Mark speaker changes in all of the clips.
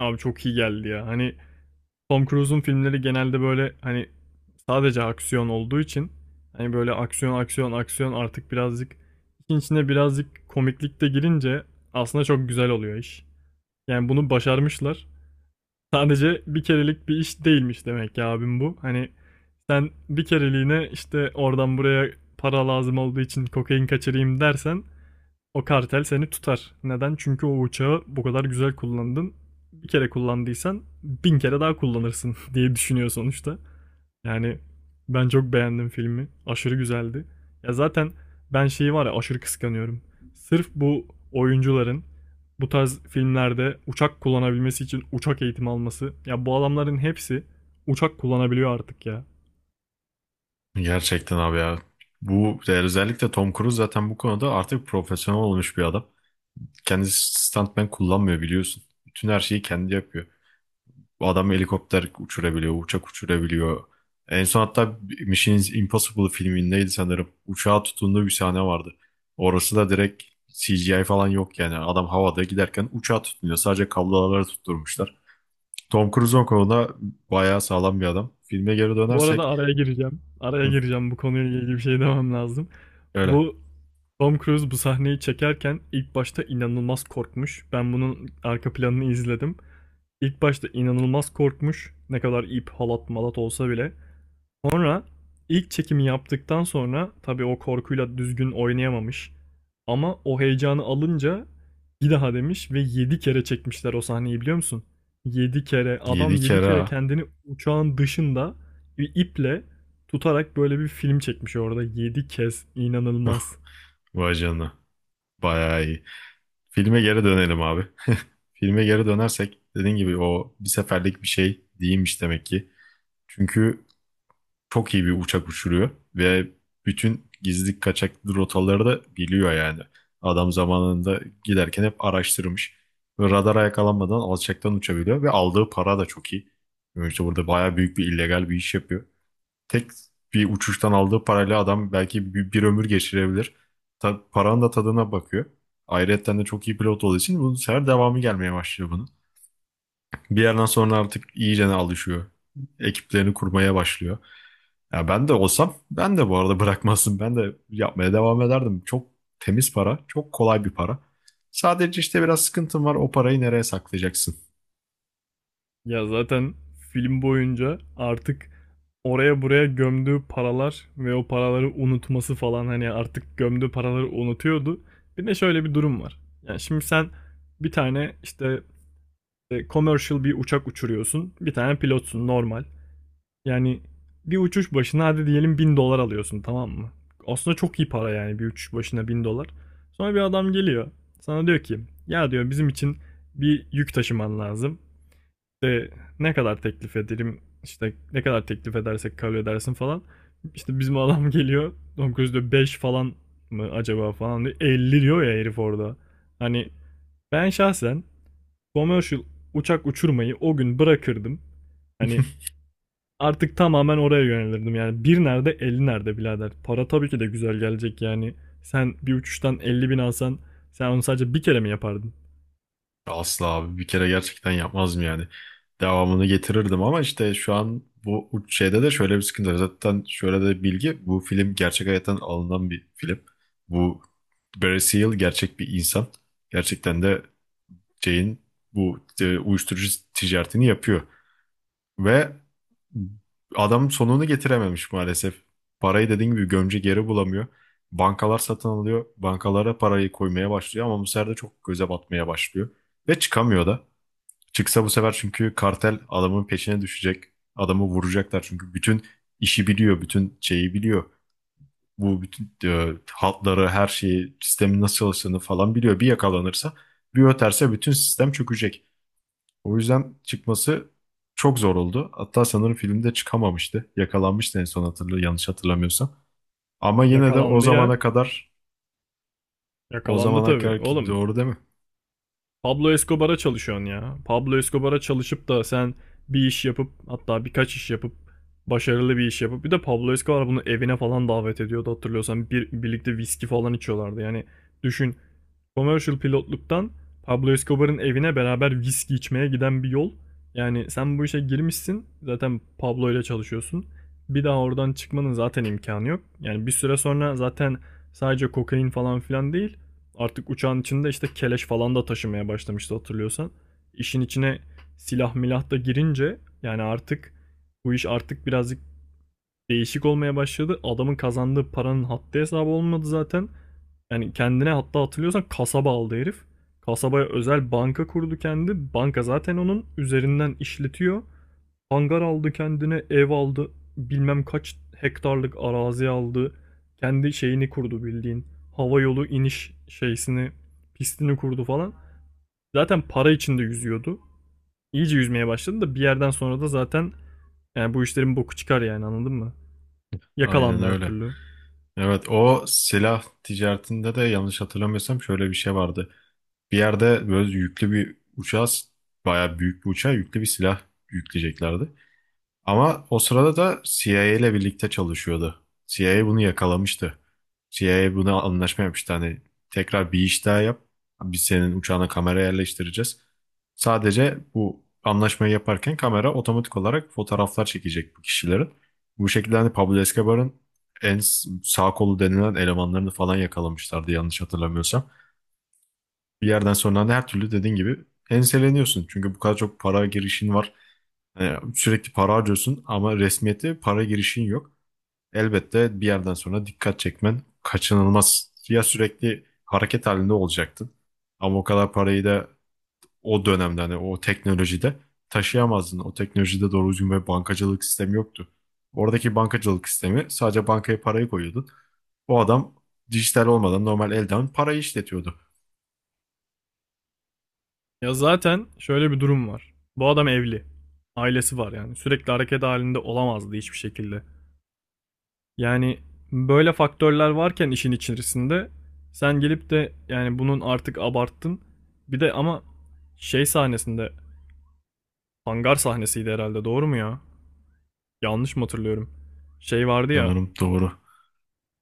Speaker 1: Abi çok iyi geldi ya. Hani Tom Cruise'un filmleri genelde böyle hani sadece aksiyon olduğu için hani böyle aksiyon aksiyon aksiyon artık birazcık işin içine birazcık komiklik de girince aslında çok güzel oluyor iş. Yani bunu başarmışlar. Sadece bir kerelik bir iş değilmiş demek ya abim bu. Hani sen bir kereliğine işte oradan buraya para lazım olduğu için kokain kaçırayım dersen o kartel seni tutar. Neden? Çünkü o uçağı bu kadar güzel kullandın. Bir kere kullandıysan 1.000 kere daha kullanırsın diye düşünüyor sonuçta. Yani ben çok beğendim filmi. Aşırı güzeldi. Ya zaten ben şeyi var ya aşırı kıskanıyorum. Sırf bu oyuncuların bu tarz filmlerde uçak kullanabilmesi için uçak eğitimi alması. Ya bu adamların hepsi uçak kullanabiliyor artık ya.
Speaker 2: Gerçekten abi ya. Bu özellikle Tom Cruise zaten bu konuda artık profesyonel olmuş bir adam. Kendisi stuntman kullanmıyor biliyorsun. Bütün her şeyi kendi yapıyor. Bu adam helikopter uçurabiliyor, uçak uçurabiliyor. En son hatta Mission Impossible filmindeydi sanırım. Uçağa tutunduğu bir sahne vardı. Orası da direkt CGI falan yok yani. Adam havada giderken uçağa tutunuyor. Sadece kabloları tutturmuşlar. Tom Cruise o konuda bayağı sağlam bir adam. Filme geri
Speaker 1: Bu arada
Speaker 2: dönersek.
Speaker 1: araya gireceğim. Araya
Speaker 2: Hı,
Speaker 1: gireceğim bu konuyla ilgili bir şey demem lazım.
Speaker 2: öyle.
Speaker 1: Bu Tom Cruise bu sahneyi çekerken ilk başta inanılmaz korkmuş. Ben bunun arka planını izledim. İlk başta inanılmaz korkmuş. Ne kadar ip, halat, malat olsa bile. Sonra ilk çekimi yaptıktan sonra tabii o korkuyla düzgün oynayamamış. Ama o heyecanı alınca bir daha demiş ve 7 kere çekmişler o sahneyi biliyor musun? 7 kere adam
Speaker 2: Yedi
Speaker 1: 7
Speaker 2: kere
Speaker 1: kere
Speaker 2: ha.
Speaker 1: kendini uçağın dışında bir iple tutarak böyle bir film çekmiş orada 7 kez inanılmaz.
Speaker 2: Vay canına. Bayağı iyi. Filme geri dönelim abi. Filme geri dönersek dediğin gibi o bir seferlik bir şey değilmiş demek ki. Çünkü çok iyi bir uçak uçuruyor ve bütün gizli kaçak rotaları da biliyor yani. Adam zamanında giderken hep araştırmış. Ve radara yakalanmadan alçaktan uçabiliyor ve aldığı para da çok iyi. Yani İşte burada bayağı büyük bir illegal bir iş yapıyor, tek bir uçuştan aldığı parayla adam belki bir ömür geçirebilir. Paranın da tadına bakıyor. Ayrıca de çok iyi pilot olduğu için bu sefer devamı gelmeye başlıyor bunun. Bir yerden sonra artık iyice alışıyor. Ekiplerini kurmaya başlıyor. Ya ben de olsam ben de bu arada bırakmazdım. Ben de yapmaya devam ederdim. Çok temiz para, çok kolay bir para. Sadece işte biraz sıkıntım var. O parayı nereye saklayacaksın?
Speaker 1: Ya zaten film boyunca artık oraya buraya gömdüğü paralar ve o paraları unutması falan hani artık gömdüğü paraları unutuyordu. Bir de şöyle bir durum var. Yani şimdi sen bir tane işte commercial bir uçak uçuruyorsun. Bir tane pilotsun normal. Yani bir uçuş başına hadi diyelim 1.000 dolar alıyorsun tamam mı? Aslında çok iyi para yani bir uçuş başına 1.000 dolar. Sonra bir adam geliyor. Sana diyor ki ya diyor bizim için bir yük taşıman lazım. İşte ne kadar teklif ederim işte ne kadar teklif edersek kabul edersin falan. İşte bizim adam geliyor Tom Cruise diyor 5 falan mı acaba falan diyor. 50 diyor ya herif orada. Hani ben şahsen commercial uçak uçurmayı o gün bırakırdım. Hani artık tamamen oraya yönelirdim. Yani bir nerede 50 nerede birader. Para tabii ki de güzel gelecek yani. Sen bir uçuştan 50.000 alsan sen onu sadece bir kere mi yapardın?
Speaker 2: Asla abi, bir kere gerçekten yapmazdım yani. Devamını getirirdim ama işte şu an bu şeyde de şöyle bir sıkıntı var. Zaten şöyle de bir bilgi, bu film gerçek hayattan alınan bir film. Bu Barry Seal gerçek bir insan. Gerçekten de Jane bu uyuşturucu ticaretini yapıyor. Ve adam sonunu getirememiş maalesef. Parayı dediğim gibi gömce geri bulamıyor. Bankalar satın alıyor. Bankalara parayı koymaya başlıyor ama bu sefer de çok göze batmaya başlıyor. Ve çıkamıyor da. Çıksa bu sefer çünkü kartel adamın peşine düşecek. Adamı vuracaklar çünkü bütün işi biliyor, bütün şeyi biliyor. Bu bütün hatları, her şeyi, sistemin nasıl çalıştığını falan biliyor. Bir yakalanırsa, bir öterse bütün sistem çökecek. O yüzden çıkması çok zor oldu. Hatta sanırım filmde çıkamamıştı. Yakalanmıştı en son, yanlış hatırlamıyorsam. Ama yine de o
Speaker 1: Yakalandı ya.
Speaker 2: zamana kadar, o
Speaker 1: Yakalandı
Speaker 2: zamana
Speaker 1: tabii.
Speaker 2: kadar ki
Speaker 1: Oğlum
Speaker 2: doğru değil mi?
Speaker 1: Pablo Escobar'a çalışıyorsun ya. Pablo Escobar'a çalışıp da sen bir iş yapıp hatta birkaç iş yapıp başarılı bir iş yapıp bir de Pablo Escobar bunu evine falan davet ediyordu hatırlıyorsan birlikte viski falan içiyorlardı. Yani düşün commercial pilotluktan Pablo Escobar'ın evine beraber viski içmeye giden bir yol. Yani sen bu işe girmişsin. Zaten Pablo ile çalışıyorsun. Bir daha oradan çıkmanın zaten imkanı yok. Yani bir süre sonra zaten sadece kokain falan filan değil. Artık uçağın içinde işte keleş falan da taşımaya başlamıştı hatırlıyorsan. İşin içine silah milah da girince yani artık bu iş artık birazcık değişik olmaya başladı. Adamın kazandığı paranın haddi hesabı olmadı zaten. Yani kendine hatta hatırlıyorsan kasaba aldı herif. Kasabaya özel banka kurdu kendi. Banka zaten onun üzerinden işletiyor. Hangar aldı kendine, ev aldı. Bilmem kaç hektarlık arazi aldı. Kendi şeyini kurdu bildiğin. Hava yolu iniş şeysini, pistini kurdu falan. Zaten para içinde yüzüyordu. İyice yüzmeye başladı da bir yerden sonra da zaten yani bu işlerin boku çıkar yani anladın mı?
Speaker 2: Aynen
Speaker 1: Yakalandı her
Speaker 2: öyle.
Speaker 1: türlü.
Speaker 2: Evet, o silah ticaretinde de yanlış hatırlamıyorsam şöyle bir şey vardı. Bir yerde böyle yüklü bir uçağa, bayağı büyük bir uçağa yüklü bir silah yükleyeceklerdi. Ama o sırada da CIA ile birlikte çalışıyordu. CIA bunu yakalamıştı. CIA buna anlaşma yapmıştı. Hani tekrar bir iş daha yap. Biz senin uçağına kamera yerleştireceğiz. Sadece bu anlaşmayı yaparken kamera otomatik olarak fotoğraflar çekecek bu kişilerin. Bu şekilde hani Pablo Escobar'ın sağ kolu denilen elemanlarını falan yakalamışlardı yanlış hatırlamıyorsam. Bir yerden sonra da her türlü dediğin gibi enseleniyorsun. Çünkü bu kadar çok para girişin var. Hani sürekli para harcıyorsun ama resmiyete para girişin yok. Elbette bir yerden sonra dikkat çekmen kaçınılmaz. Ya sürekli hareket halinde olacaktın. Ama o kadar parayı da o dönemde hani o teknolojide taşıyamazdın. O teknolojide doğru düzgün bir bankacılık sistemi yoktu. Oradaki bankacılık sistemi sadece bankaya parayı koyuyordun. O adam dijital olmadan normal elden parayı işletiyordu.
Speaker 1: Ya zaten şöyle bir durum var. Bu adam evli. Ailesi var yani. Sürekli hareket halinde olamazdı hiçbir şekilde. Yani böyle faktörler varken işin içerisinde sen gelip de yani bunun artık abarttın. Bir de ama şey sahnesinde hangar sahnesiydi herhalde doğru mu ya? Yanlış mı hatırlıyorum? Şey vardı ya
Speaker 2: Sanırım doğru.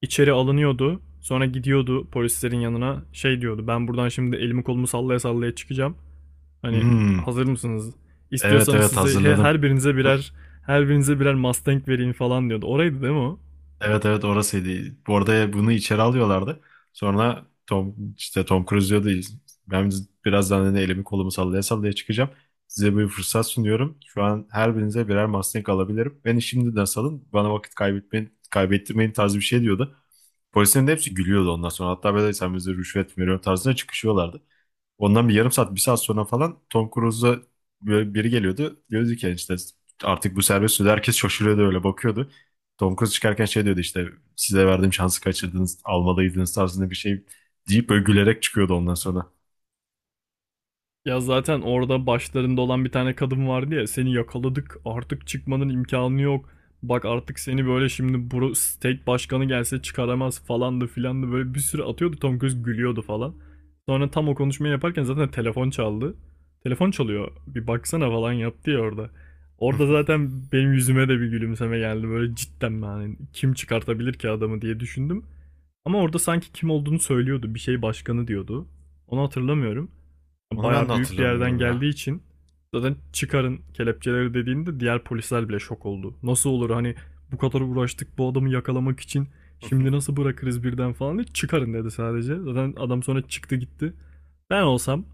Speaker 1: içeri alınıyordu. Sonra gidiyordu polislerin yanına şey diyordu. Ben buradan şimdi elimi kolumu sallaya sallaya çıkacağım. Hani
Speaker 2: Hmm,
Speaker 1: hazır mısınız?
Speaker 2: evet,
Speaker 1: İstiyorsanız
Speaker 2: evet,
Speaker 1: size
Speaker 2: hazırladım.
Speaker 1: her birinize birer Mustang vereyim falan diyordu. Oraydı değil mi o?
Speaker 2: Evet, evet, orasıydı. Bu arada bunu içeri alıyorlardı. Sonra Tom, işte Tom Cruise diyordu. Ben birazdan hani elimi kolumu sallaya sallaya çıkacağım. Size bir fırsat sunuyorum. Şu an her birinize birer Mustang alabilirim. Beni şimdiden salın. Bana vakit kaybetmeyin, kaybettirmeyin tarzı bir şey diyordu. Polislerin de hepsi gülüyordu ondan sonra. Hatta böyle sen bize rüşvet veriyorsun tarzına çıkışıyorlardı. Ondan bir yarım saat, bir saat sonra falan Tom Cruise'a böyle biri geliyordu. Diyordu ki "Yani işte artık bu serbest." Sürü herkes şaşırıyordu, öyle bakıyordu. Tom Cruise çıkarken şey diyordu işte, size verdiğim şansı kaçırdınız, almalıydınız tarzında bir şey deyip böyle gülerek çıkıyordu ondan sonra.
Speaker 1: Ya zaten orada başlarında olan bir tane kadın vardı ya seni yakaladık artık çıkmanın imkanı yok. Bak artık seni böyle şimdi bro state başkanı gelse çıkaramaz falandı filandı böyle bir sürü atıyordu Tom Cruise gülüyordu falan. Sonra tam o konuşmayı yaparken zaten telefon çaldı. Telefon çalıyor bir baksana falan yaptı ya orada. Orada zaten benim yüzüme de bir gülümseme geldi böyle cidden ben hani kim çıkartabilir ki adamı diye düşündüm. Ama orada sanki kim olduğunu söylüyordu bir şey başkanı diyordu. Onu hatırlamıyorum.
Speaker 2: Onu ben de
Speaker 1: Bayağı büyük bir yerden
Speaker 2: hatırlamıyorum ya.
Speaker 1: geldiği için zaten çıkarın kelepçeleri dediğinde diğer polisler bile şok oldu. Nasıl olur hani bu kadar uğraştık bu adamı yakalamak için şimdi nasıl bırakırız birden falan diye çıkarın dedi sadece. Zaten adam sonra çıktı gitti. Ben olsam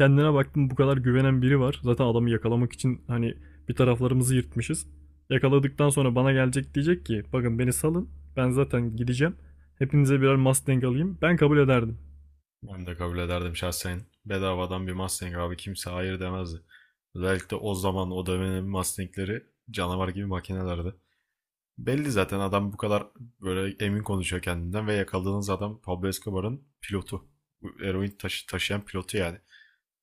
Speaker 1: kendine baktım bu kadar güvenen biri var. Zaten adamı yakalamak için hani bir taraflarımızı yırtmışız. Yakaladıktan sonra bana gelecek diyecek ki bakın beni salın ben zaten gideceğim. Hepinize birer Mustang alayım. Ben kabul ederdim.
Speaker 2: Ben de kabul ederdim şahsen. Bedavadan bir Mustang abi, kimse hayır demezdi. Özellikle o zaman o dönemin Mustang'leri canavar gibi makinelerdi. Belli zaten adam bu kadar böyle emin konuşuyor kendinden ve yakaladığınız adam Pablo Escobar'ın pilotu. Taşıyan pilotu yani.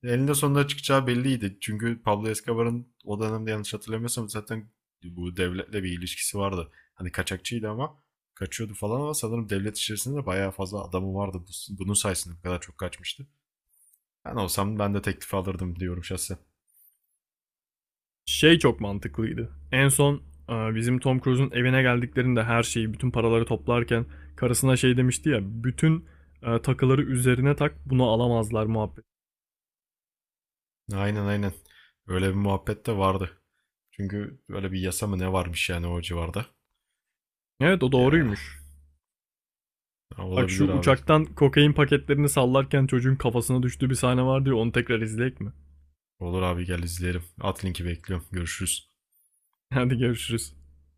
Speaker 2: Elinde sonunda çıkacağı belliydi. Çünkü Pablo Escobar'ın o dönemde yanlış hatırlamıyorsam zaten bu devletle bir ilişkisi vardı. Hani kaçakçıydı ama kaçıyordu falan ama sanırım devlet içerisinde de bayağı fazla adamı vardı. Bunun sayesinde bu kadar çok kaçmıştı. Ben olsam ben de teklifi alırdım diyorum şahsen.
Speaker 1: Şey çok mantıklıydı. En son bizim Tom Cruise'un evine geldiklerinde her şeyi, bütün paraları toplarken karısına şey demişti ya, bütün takıları üzerine tak, bunu alamazlar muhabbet.
Speaker 2: Aynen, aynen. Öyle bir muhabbet de vardı. Çünkü böyle bir yasa mı ne varmış yani o civarda.
Speaker 1: Evet o
Speaker 2: Ya,
Speaker 1: doğruymuş. Bak şu
Speaker 2: olabilir abi.
Speaker 1: uçaktan kokain paketlerini sallarken çocuğun kafasına düştüğü bir sahne vardı ya, onu tekrar izleyek mi?
Speaker 2: Olur abi, gel izleyelim. At linki, bekliyorum. Görüşürüz.
Speaker 1: Hadi görüşürüz.